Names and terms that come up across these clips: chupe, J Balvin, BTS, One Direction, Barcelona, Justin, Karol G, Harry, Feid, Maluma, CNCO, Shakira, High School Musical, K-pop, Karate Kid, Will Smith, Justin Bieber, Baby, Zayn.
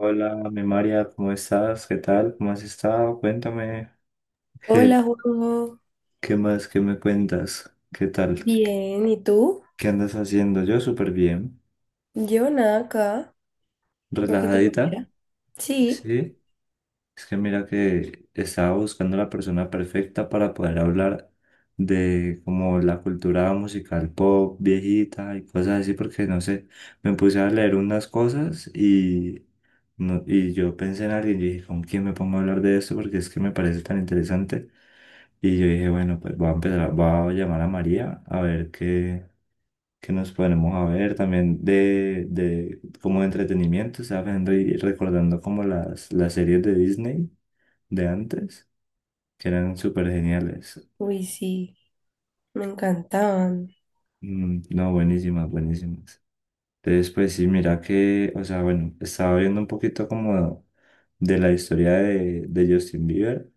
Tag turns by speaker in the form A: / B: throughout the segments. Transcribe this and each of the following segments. A: Hola, mi María, ¿cómo estás? ¿Qué tal? ¿Cómo has estado? Cuéntame. ¿Qué,
B: Hola, Juanjo.
A: qué más? ¿Qué me cuentas? ¿Qué tal? ¿Qué
B: Bien, ¿y tú?
A: andas haciendo? Yo súper bien.
B: Yo nada acá, un poquito
A: ¿Relajadita?
B: aburrida. Sí,
A: Sí. Es que mira que estaba buscando la persona perfecta para poder hablar de como la cultura musical pop, viejita y cosas así, porque no sé, me puse a leer unas cosas y... No, y yo pensé en alguien y dije, ¿con quién me pongo a hablar de esto? Porque es que me parece tan interesante. Y yo dije, bueno, pues voy a empezar, voy a llamar a María a ver qué, qué nos ponemos a ver también de como de entretenimiento, estaba viendo y recordando como las series de Disney de antes, que eran súper geniales.
B: uy, sí, me encantaban.
A: Mm, no, buenísimas, buenísimas. Entonces, pues sí, mira que, o sea, bueno, estaba viendo un poquito como de la historia de Justin Bieber,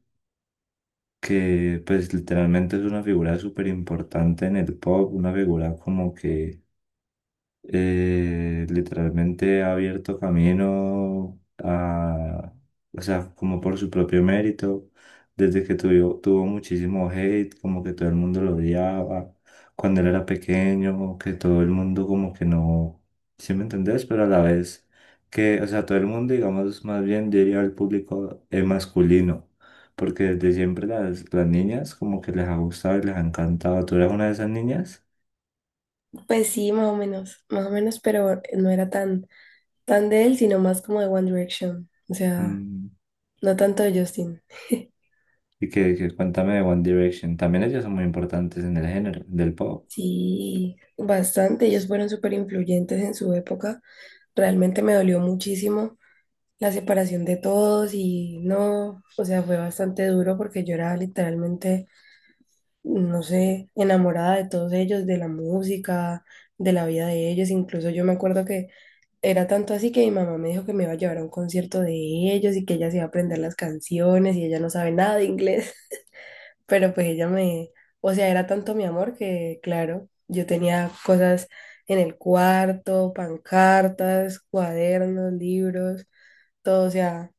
A: que pues literalmente es una figura súper importante en el pop, una figura como que literalmente ha abierto camino a, o sea, como por su propio mérito, desde que tuvo muchísimo hate, como que todo el mundo lo odiaba, cuando él era pequeño, que todo el mundo como que no, ¿sí me entendés? Pero a la vez que, o sea, todo el mundo, digamos, más bien diría al público masculino. Porque desde siempre las niñas como que les ha gustado y les ha encantado. ¿Tú eras una de esas niñas?
B: Pues sí, más o menos, pero no era tan de él, sino más como de One Direction. O sea,
A: Mm.
B: no tanto de Justin.
A: Y que cuéntame de One Direction. También ellos son muy importantes en el género del pop.
B: Sí, bastante, ellos fueron súper influyentes en su época. Realmente me dolió muchísimo la separación de todos y no, o sea, fue bastante duro porque yo era literalmente no sé, enamorada de todos ellos, de la música, de la vida de ellos. Incluso yo me acuerdo que era tanto así que mi mamá me dijo que me iba a llevar a un concierto de ellos y que ella se iba a aprender las canciones y ella no sabe nada de inglés, pero pues ella me, o sea, era tanto mi amor que, claro, yo tenía cosas en el cuarto, pancartas, cuadernos, libros, todo, o sea,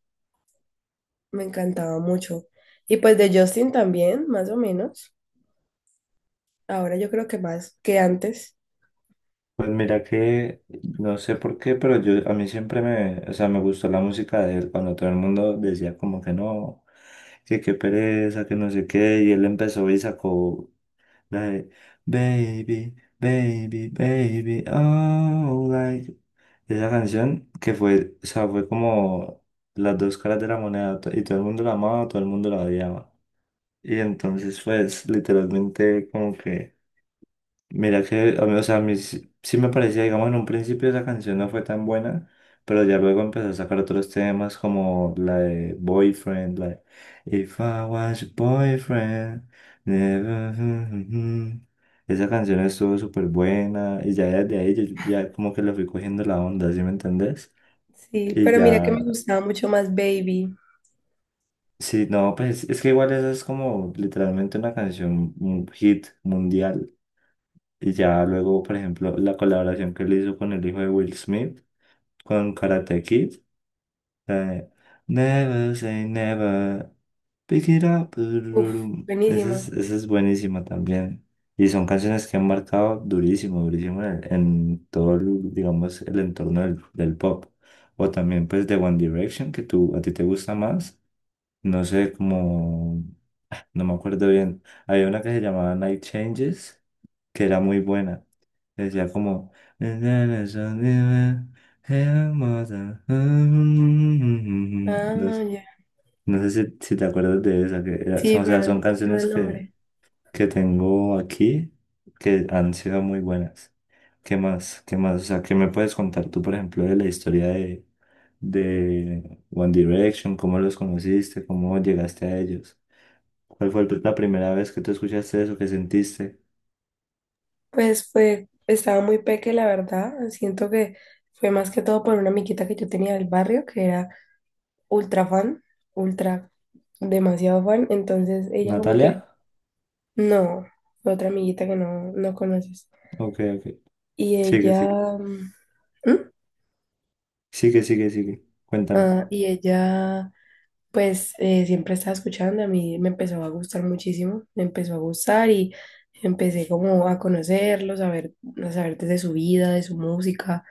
B: me encantaba mucho. Y pues de Justin también, más o menos. Ahora yo creo que más que antes.
A: Pues mira que no sé por qué, pero yo a mí siempre me, o sea, me gustó la música de él cuando todo el mundo decía como que no, que qué pereza, que no sé qué, y él empezó y sacó la de Baby, Baby, Baby, oh, like esa canción que fue, o sea, fue como las dos caras de la moneda, y todo el mundo la amaba, todo el mundo la odiaba. Y entonces, pues, literalmente, como que, mira que, a mí, o sea, a mí sí, sí me parecía, digamos, en un principio esa canción no fue tan buena, pero ya luego empezó a sacar otros temas como la de Boyfriend, la de If I Was Your Boyfriend, never, mm, mm, mm". Esa canción estuvo súper buena y ya desde ahí yo ya como que le fui cogiendo la onda, ¿sí me entendés?
B: Sí,
A: Y
B: pero mira que
A: ya,
B: me gustaba mucho más Baby.
A: sí, no, pues es que igual esa es como literalmente una canción, un hit mundial. Y ya luego, por ejemplo, la colaboración que él hizo con el hijo de Will Smith, con Karate Kid, la de Never say never, pick it up.
B: Uf,
A: Dururum.
B: buenísima.
A: Esa es buenísima también. Y son canciones que han marcado durísimo, durísimo en todo, el, digamos, el entorno del pop. O también, pues, de One Direction, que tú, a ti te gusta más. No sé, como, no me acuerdo bien. Había una que se llamaba Night Changes que era muy buena. Decía como... No,
B: Ah, ya.
A: no sé si, si te acuerdas de esa, que era-
B: Sí,
A: son, o
B: pero
A: sea,
B: no
A: son
B: me acuerdo
A: canciones
B: el nombre.
A: que tengo aquí que han sido muy buenas. ¿Qué más? ¿Qué más? O sea, ¿qué me puedes contar tú, por ejemplo, de la historia de One Direction? ¿Cómo los conociste? ¿Cómo llegaste a ellos? ¿Cuál fue la primera vez que tú escuchaste eso? ¿Qué sentiste?
B: Pues fue, estaba muy peque, la verdad. Siento que fue más que todo por una amiguita que yo tenía del barrio, que era ultra fan, ultra, demasiado fan. Entonces ella como
A: ¿Natalia?
B: que, no, fue otra amiguita que no, no conoces.
A: Ok, ok.
B: Y
A: Sigue, sigue.
B: ella, ¿mm? ¿Mm?
A: Sigue, sigue, sigue. Cuéntame.
B: Ah, y ella pues siempre estaba escuchando, a mí me empezó a gustar muchísimo, me empezó a gustar y empecé como a conocerlos, a ver, a saber desde su vida, de su música,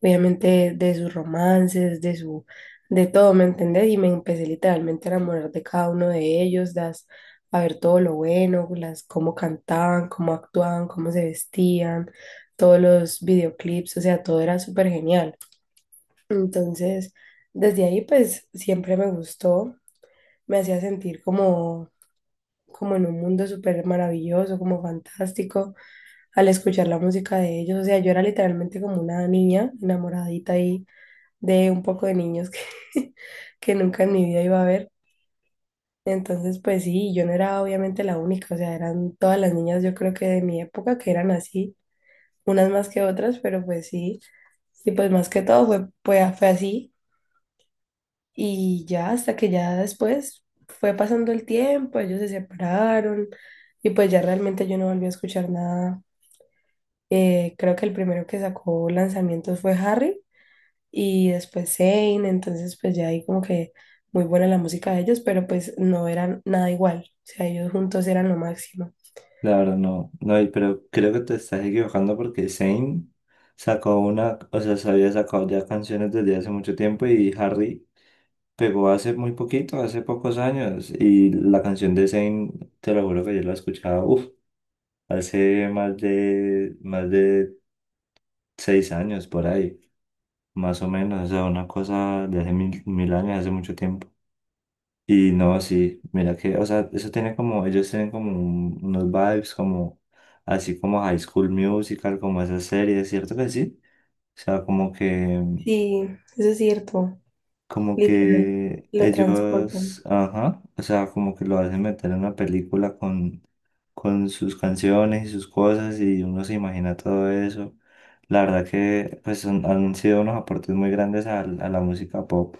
B: obviamente de sus romances, de su, de todo, ¿me entendés? Y me empecé literalmente a enamorar de cada uno de ellos, las, a ver todo lo bueno, las, cómo cantaban, cómo actuaban, cómo se vestían, todos los videoclips, o sea, todo era súper genial. Entonces, desde ahí pues siempre me gustó, me hacía sentir como, como en un mundo súper maravilloso, como fantástico, al escuchar la música de ellos. O sea, yo era literalmente como una niña enamoradita ahí de un poco de niños que, que nunca en mi vida iba a ver. Entonces, pues sí, yo no era obviamente la única, o sea, eran todas las niñas, yo creo que de mi época, que eran así, unas más que otras, pero pues sí, y pues más que todo fue así. Y ya hasta que ya después fue pasando el tiempo, ellos se separaron y pues ya realmente yo no volví a escuchar nada. Creo que el primero que sacó lanzamientos fue Harry y después Zayn, entonces pues ya ahí como que muy buena la música de ellos, pero pues no eran nada igual. O sea, ellos juntos eran lo máximo.
A: La verdad no, no hay, pero creo que te estás equivocando porque Zayn sacó una, o sea, se había sacado ya canciones desde hace mucho tiempo y Harry pegó hace muy poquito, hace pocos años. Y la canción de Zayn, te lo juro que yo la escuchaba, uff, hace más de 6 años por ahí, más o menos, o sea, una cosa de hace mil, mil años, hace mucho tiempo. Y no, sí, mira que, o sea, eso tiene como, ellos tienen como un- unos vibes como, así como High School Musical, como esas series, ¿cierto que sí? O sea,
B: Sí, eso es cierto,
A: como
B: literal,
A: que
B: lo transportan.
A: ellos, ajá, o sea, como que lo hacen meter en una película con sus canciones y sus cosas y uno se imagina todo eso. La verdad que, pues, son- han sido unos aportes muy grandes al- a la música pop.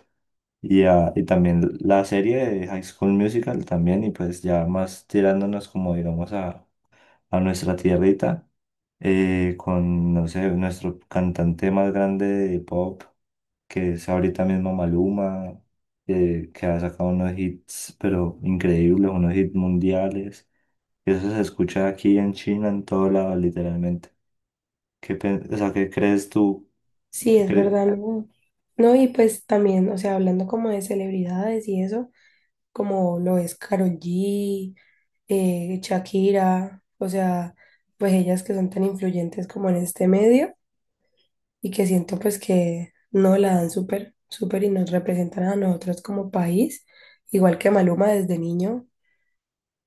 A: Y, ah, y también la serie de High School Musical también, y pues ya más tirándonos como digamos a nuestra tierrita, con, no sé, nuestro cantante más grande de pop, que es ahorita mismo Maluma, que ha sacado unos hits, pero increíbles, unos hits mundiales. Eso se escucha aquí en China, en todo lado, literalmente. ¿Qué, o sea, ¿qué crees tú?
B: Sí, es verdad, ¿no? No, y pues también, o sea, hablando como de celebridades y eso, como lo es Karol G, Shakira, o sea, pues ellas que son tan influyentes como en este medio y que siento pues que no la dan súper, súper y nos representan a nosotros como país, igual que Maluma desde niño,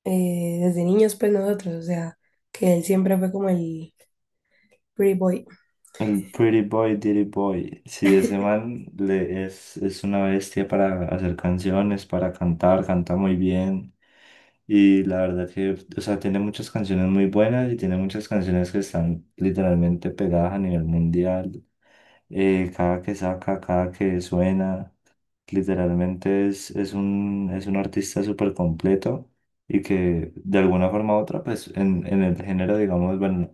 B: desde niños pues nosotros, o sea, que él siempre fue como el pretty boy.
A: El Pretty Boy, Dirty Boy. Sí, ese man le es una bestia para hacer canciones, para cantar, canta muy bien. Y la verdad que, o sea, tiene muchas canciones muy buenas y tiene muchas canciones que están literalmente pegadas a nivel mundial. Cada que saca, cada que suena, literalmente es un artista súper completo y que de alguna forma u otra, pues en el género, digamos, bueno,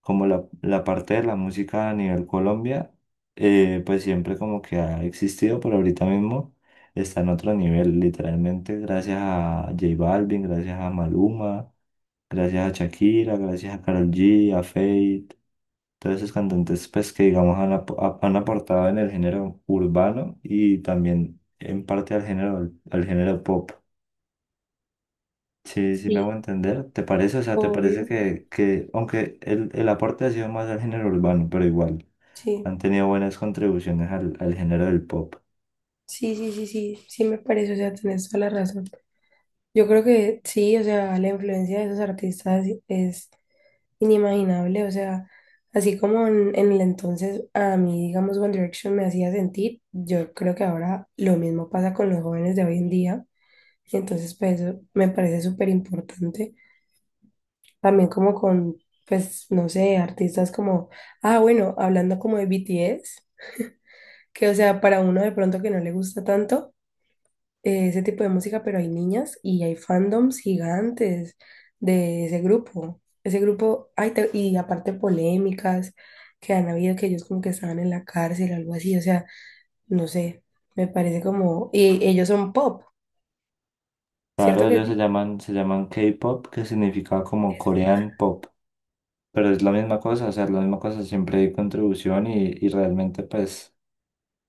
A: como la parte de la música a nivel Colombia, pues siempre como que ha existido, pero ahorita mismo está en otro nivel, literalmente gracias a J Balvin, gracias a Maluma, gracias a Shakira, gracias a Karol G, a Feid, todos esos cantantes pues que digamos han, han aportado en el género urbano y también en parte al género pop. Sí, sí me hago
B: Sí,
A: entender. ¿Te parece? O sea, ¿te parece
B: obvio,
A: que aunque el aporte ha sido más al género urbano, pero igual? Han
B: sí.
A: tenido buenas contribuciones al, al género del pop.
B: Sí, sí, sí, sí, sí me parece, o sea, tenés toda la razón. Yo creo que sí, o sea, la influencia de esos artistas es inimaginable, o sea, así como en el entonces a mí, digamos, One Direction me hacía sentir, yo creo que ahora lo mismo pasa con los jóvenes de hoy en día, y entonces pues eso me parece súper importante, también como con, pues, no sé, artistas como, ah, bueno, hablando como de BTS, que o sea, para uno de pronto que no le gusta tanto, ese tipo de música, pero hay niñas y hay fandoms gigantes de ese grupo. Ese grupo, ay, te- y aparte polémicas que han habido, que ellos como que estaban en la cárcel o algo así, o sea, no sé, me parece como... Y ellos son pop, ¿cierto
A: Claro,
B: que
A: ellos
B: sí?
A: se llaman K-pop, que significa como
B: Eso.
A: Korean Pop, pero es la misma cosa, o sea, es la misma cosa, siempre hay contribución y realmente pues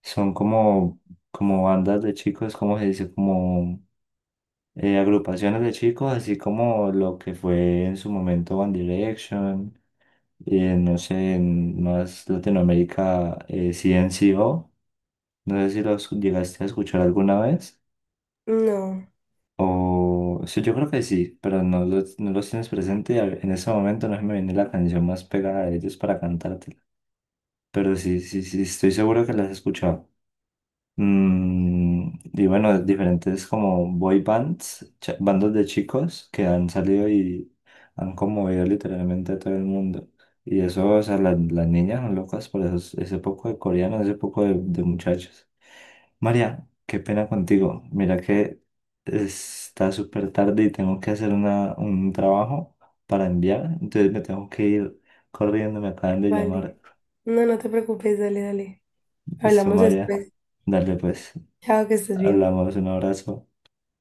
A: son como, como bandas de chicos, como se dice, como agrupaciones de chicos, así como lo que fue en su momento One Direction, no sé, en más Latinoamérica, CNCO no sé si los llegaste a escuchar alguna vez.
B: No,
A: O sí, yo creo que sí, pero no los, no los tienes presente. En ese momento no se me viene la canción más pegada de ellos para cantártela. Pero sí, sí, sí, estoy seguro que las has escuchado. Mm, y bueno, diferentes como boy bands, bandos de chicos que han salido y han conmovido literalmente a todo el mundo. Y eso, o sea, las niñas son locas por esos, ese poco de coreanos, ese poco de muchachos. María, qué pena contigo. Mira que está súper tarde y tengo que hacer un trabajo para enviar, entonces me tengo que ir corriendo, me acaban de
B: vale.
A: llamar.
B: No, no te preocupes, dale, dale.
A: Listo,
B: Hablamos
A: María,
B: después.
A: dale pues,
B: Chao, que estés bien.
A: hablamos, un abrazo.